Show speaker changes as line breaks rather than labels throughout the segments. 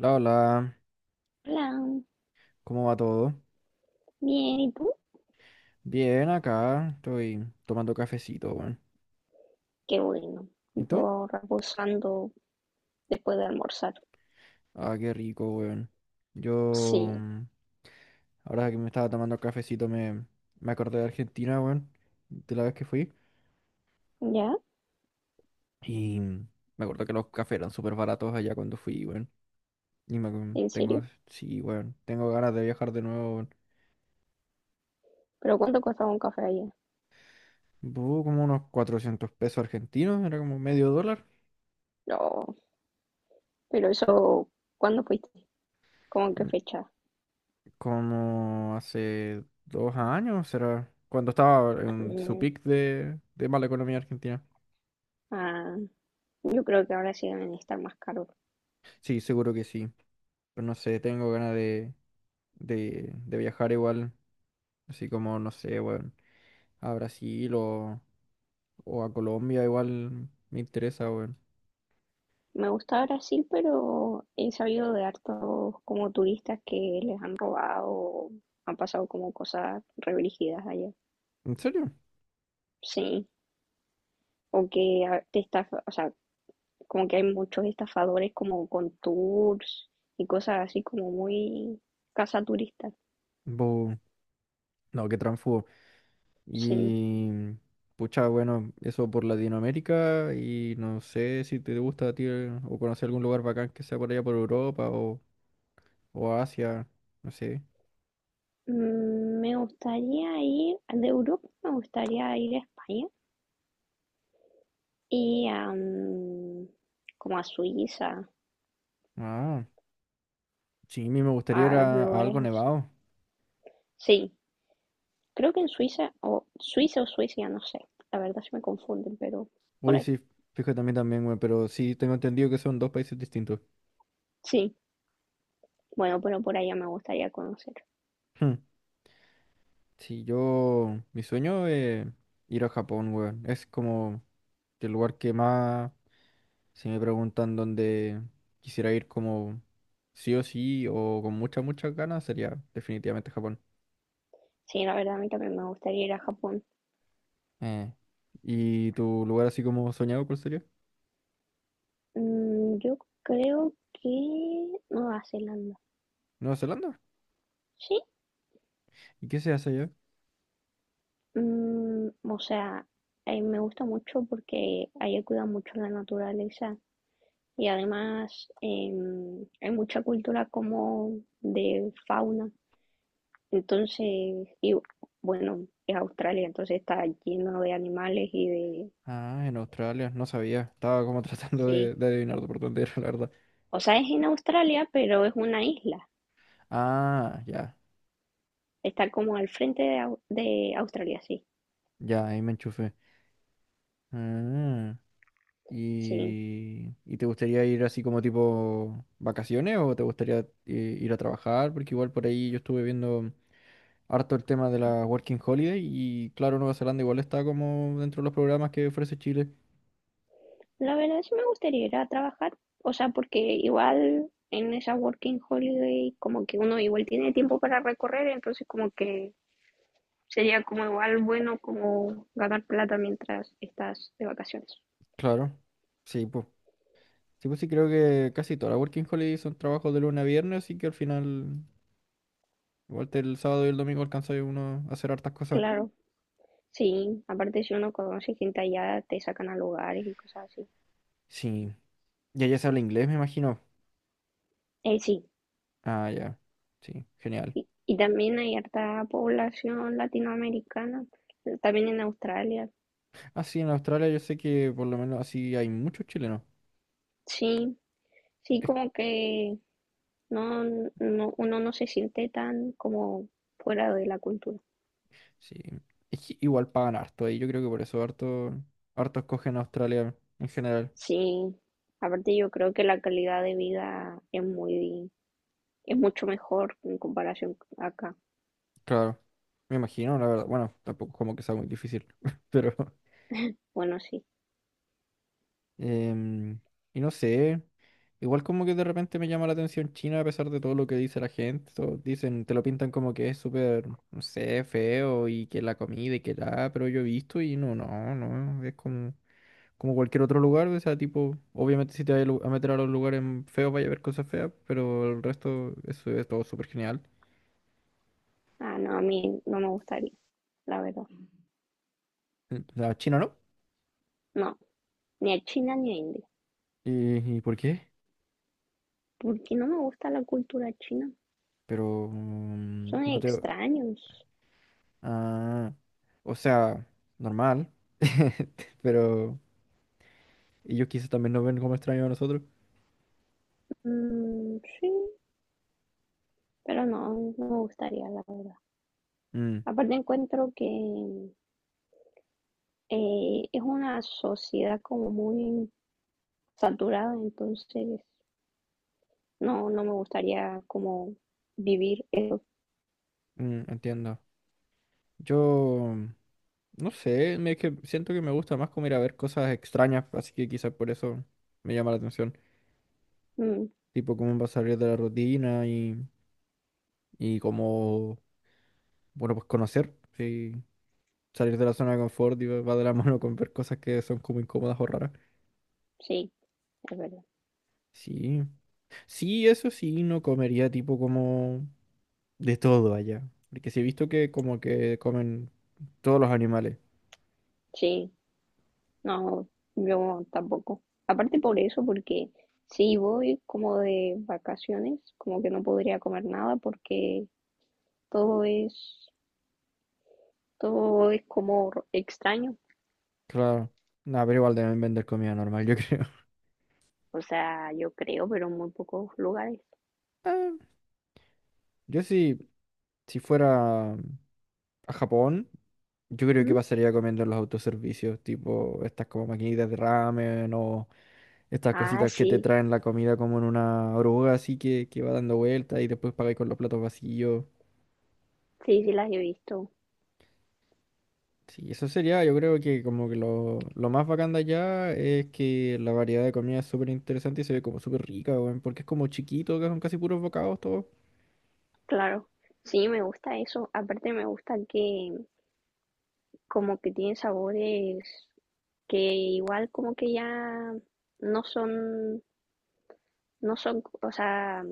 Hola hola,
Hola,
¿cómo va todo?
bien, ¿y tú?
Bien, acá estoy tomando cafecito, weón.
Qué bueno.
¿Y tú?
Yo reposando después de almorzar.
Ah, qué rico, weón. Yo,
Sí,
mm, Ahora que me estaba tomando cafecito, me acordé de Argentina, weón, de la vez que fui.
¿ya?
Y me acuerdo que los cafés eran súper baratos allá cuando fui, weón. Y
¿En serio?
sí, weón, tengo ganas de viajar de nuevo, weón.
¿Pero cuánto costaba un café allá?
Como unos 400 pesos argentinos, era como medio dólar.
No, pero eso, ¿cuándo fuiste? ¿Cómo en qué fecha?
Como hace 2 años, será, cuando estaba en su
Mm,
pic de mala economía argentina.
ah, yo creo que ahora sí deben estar más caros.
Sí, seguro que sí. Pero no sé, tengo ganas de viajar igual, así como, no sé, weón, a Brasil o, a Colombia, igual me interesa, weón.
Me gusta Brasil, pero he sabido de hartos como turistas que les han robado, o han pasado como cosas re brígidas allá.
¿En serio?
Sí, o que te estafa, o sea, como que hay muchos estafadores como con tours y cosas así como muy casa turista.
Bu, no, qué tránfugo.
Sí.
Y pucha, bueno, eso por Latinoamérica y no sé si te gusta a ti o conocer algún lugar bacán que sea por allá por Europa o Asia, no sé.
Me gustaría ir, de Europa me gustaría ir a España y a, como a Suiza,
Ah, sí, a mí me gustaría ir
a
a
lugares
algo
así.
nevado.
Sí, creo que en Suiza, o Suiza o Suiza, no sé, la verdad se me confunden, pero por
Uy,
ahí.
sí, fíjate a mí también, güey, pero sí tengo entendido que son dos países distintos.
Sí, bueno, pero por allá me gustaría conocer.
Sí, mi sueño es ir a Japón, weón. Es como el lugar que más, si me preguntan dónde quisiera ir como sí o sí o con muchas, muchas ganas, sería definitivamente Japón.
Sí, la verdad a mí también me gustaría ir a Japón.
Eh, ¿Y tu lugar así como soñado, cuál sería?
Yo creo que Nueva Zelanda.
¿Nueva Zelanda?
Sí,
¿Y qué se hace allá?
o sea, me gusta mucho porque allá cuidan mucho la naturaleza y además hay mucha cultura como de fauna. Entonces, y bueno, es Australia, entonces está lleno de animales y de…
Ah, en Australia, no sabía. Estaba como tratando de,
Sí,
de adivinar por dónde era, la verdad.
o sea, es en Australia, pero es una isla.
Ah, ya,
Está como al frente de, de Australia, sí.
ya, ahí me enchufé. Ah.
Sí.
¿Y te gustaría ir así como tipo vacaciones o te gustaría ir a trabajar? Porque igual por ahí yo estuve viendo harto el tema de la Working Holiday y claro, Nueva Zelanda igual está como dentro de los programas que ofrece Chile.
La verdad sí me gustaría ir a trabajar, o sea, porque igual en esa working holiday como que uno igual tiene tiempo para recorrer, entonces como que sería como igual bueno como ganar plata mientras estás de vacaciones.
Claro, sí, pues. Sí, pues sí, creo que casi todas las Working Holiday son trabajos de lunes a viernes, así que al final, igual el sábado y el domingo alcanza uno a hacer hartas cosas.
Claro, sí, aparte si uno conoce gente allá te sacan a lugares y cosas así.
Sí, y allá se habla inglés, me imagino.
Sí,
Ah, ya, sí, genial.
y también hay harta población latinoamericana, también en Australia,
Ah, sí, en Australia yo sé que por lo menos así hay muchos chilenos.
sí, sí
Es-
como que No, no, uno no se siente tan como fuera de la cultura.
sí. Es que igual pagan harto ahí. Yo creo que por eso harto escogen a Australia en general.
Sí, aparte yo creo que la calidad de vida es muy, es mucho mejor en comparación acá.
Claro. Me imagino, la verdad. Bueno, tampoco es como que sea muy difícil. Pero.
Bueno, sí.
em, y no sé. Igual como que de repente me llama la atención China a pesar de todo lo que dice la gente. Todos dicen, te lo pintan como que es súper, no sé, feo y que la comida y que la. Pero yo he visto y no, no, no. Es como. Como cualquier otro lugar, o sea, tipo, obviamente si te vas a a meter a los lugares feos vaya a ver cosas feas, pero el resto eso es todo súper genial.
Ah, no, a mí no me gustaría, la verdad.
O sea, China no.
No, ni a China ni a India.
¿Y por qué?
Porque no me gusta la cultura china.
Pero
Son
no te...
extraños.
Ah, o sea, normal, pero ellos quizás también nos ven como extraños a nosotros.
Mm, sí, pero no, no me gustaría, la verdad.
Mm,
Aparte encuentro que es una sociedad como muy saturada, entonces no, no me gustaría como vivir eso.
Entiendo. Yo... mm, No sé, es que siento que me gusta más como ir a ver cosas extrañas, así que quizás por eso me llama la atención.
Mm,
Tipo, cómo va a salir de la rutina y como, bueno, pues conocer, sí, salir de la zona de confort y va de la mano con ver cosas que son como incómodas o raras.
sí, es verdad.
Sí, sí, eso sí, no comería tipo como de todo allá, porque sí he visto que como que comen todos los animales.
Sí, no, yo tampoco. Aparte por eso, porque si voy como de vacaciones, como que no podría comer nada porque todo es, todo es como extraño.
Claro, nada, pero igual deben vender comida normal, yo creo.
O sea, yo creo, pero en muy pocos lugares.
Ah, yo sí, si fuera a Japón, yo creo que
¿Mm?
pasaría comiendo en los autoservicios, tipo estas como maquinitas de ramen o estas
Ah,
cositas que
sí,
te traen la comida como en una oruga así que va dando vueltas y después pagáis con los platos vacíos.
sí, sí las he visto,
Sí, eso sería, yo creo que como que lo más bacán de allá es que la variedad de comida es súper interesante y se ve como súper rica, weón, porque es como chiquito, que son casi puros bocados todos.
claro. Sí, me gusta eso. Aparte me gusta que como que tiene sabores que igual como que ya no son, no son, o sea,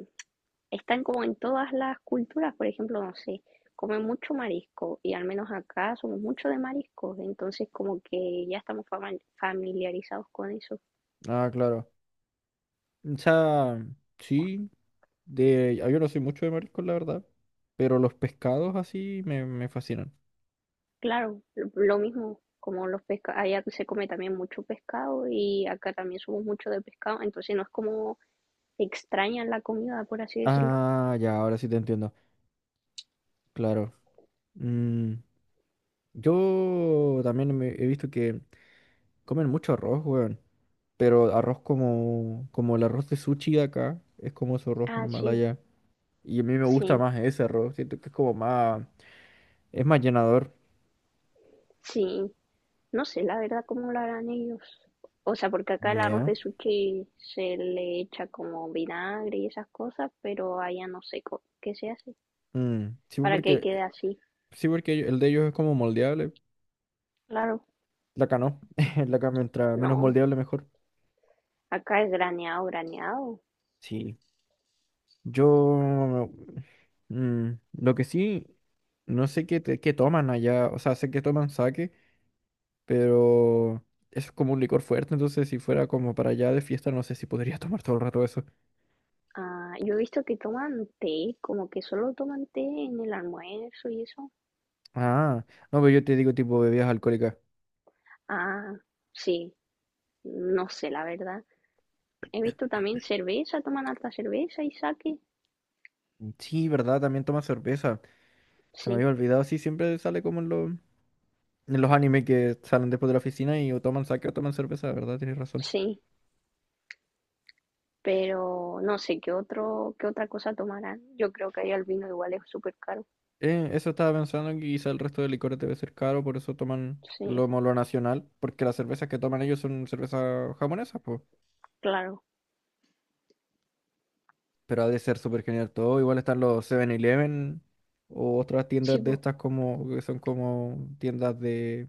están como en todas las culturas, por ejemplo, no sé, comen mucho marisco y al menos acá somos mucho de mariscos, entonces como que ya estamos familiarizados con eso.
Ah, claro. O sea, sí, yo no soy mucho de mariscos, la verdad, pero los pescados así me fascinan.
Claro, lo mismo. Como los pescados, allá se come también mucho pescado y acá también somos mucho de pescado, entonces no es como extraña la comida, por así decirlo.
Ah, ya, ahora sí te entiendo. Claro. Mm, yo también he visto que comen mucho arroz, weón. Pero arroz como el arroz de sushi de acá. Es como su arroz
Ah,
normal
sí,
allá. Y a mí me gusta
sí,
más ese arroz. Siento que es como más... Es más llenador.
sí. No sé la verdad cómo lo harán ellos. O sea, porque acá
Ni
el arroz
idea.
de sushi se le echa como vinagre y esas cosas, pero allá no sé qué se hace
Mm, sí,
para que quede
porque,
así.
sí, porque el de ellos es como moldeable.
Claro,
La acá no. La acá mientras menos
no.
moldeable mejor.
Acá es graneado, graneado.
Sí. Yo... lo que sí... No sé qué toman allá. O sea, sé que toman sake. Pero es como un licor fuerte, entonces si fuera como para allá de fiesta, no sé si podría tomar todo el rato eso.
Ah, yo he visto que toman té, como que solo toman té en el almuerzo y eso.
Ah, no, pero yo te digo tipo bebidas alcohólicas.
Ah, sí, no sé la verdad. He visto también cerveza, toman alta cerveza y sake.
Mm, sí, ¿verdad? También toma cerveza. Se me había
Sí,
olvidado, sí, siempre sale como en los animes que salen después de la oficina y o toman sake o toman cerveza, ¿verdad? Tienes razón.
sí. Pero no sé qué otra cosa tomarán. Yo creo que ahí el vino igual es súper caro.
Eso estaba pensando, que quizá el resto de licores debe ser caro, por eso toman
Sí,
como lo nacional, porque las cervezas que toman ellos son cervezas japonesas.
claro,
Pero ha de ser súper genial todo. Igual están los 7-Eleven o otras
sí,
tiendas de
po,
estas como que son como tiendas de,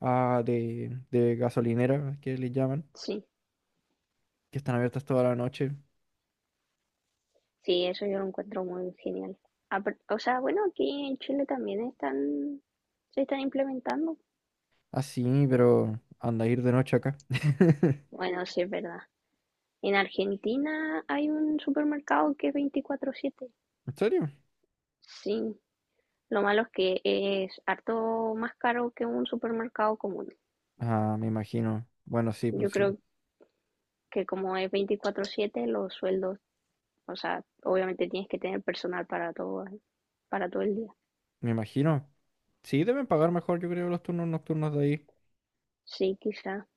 ah, de, de gasolinera, que les llaman,
sí,
que están abiertas toda la noche.
sí, eso yo lo encuentro muy genial. Apar- O sea, bueno, aquí en Chile también están, se están implementando.
Así, pero anda a ir de noche acá.
Bueno, sí, es verdad. En Argentina hay un supermercado que es 24/7.
¿En serio?
Sí, lo malo es que es harto más caro que un supermercado común.
Ah, me imagino. Bueno, sí,
Yo
pues sí.
creo que como es 24/7, los sueldos. O sea, obviamente tienes que tener personal para todo el día.
Me imagino. Sí, deben pagar mejor, yo creo, los turnos nocturnos de ahí.
Sí, quizá.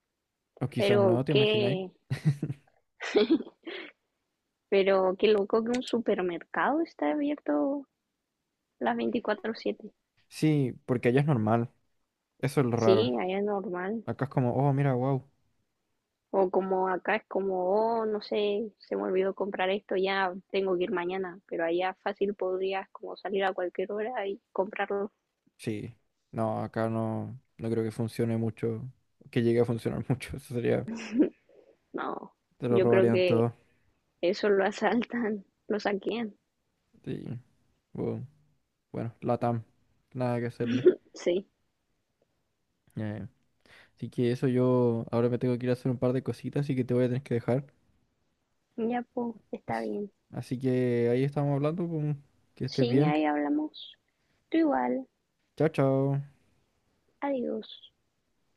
O quizás no,
Pero
¿te imagináis?
qué, pero qué loco que un supermercado está abierto las 24/7.
Sí, porque allá es normal. Eso es lo raro.
Sí, allá es normal.
Acá es como, oh, mira, wow.
O como acá es como, oh, no sé, se me olvidó comprar esto, ya tengo que ir mañana. Pero allá fácil podrías como salir a cualquier hora y comprarlo.
Sí, no, acá no, no creo que funcione mucho, que llegue a funcionar mucho, eso sería,
No,
te lo
yo creo
robarían
que
todo.
eso lo asaltan, lo saquean.
Sí, bu- bueno, Latam, nada que hacerle.
Sí,
Eh, Así que eso yo ahora me tengo que ir a hacer un par de cositas, así que te voy a tener que dejar.
ya pues, está
Así,
bien.
así que ahí estamos hablando, pues, que estés
Sí,
bien.
ahí hablamos. Tú igual.
Chao, chao.
Adiós.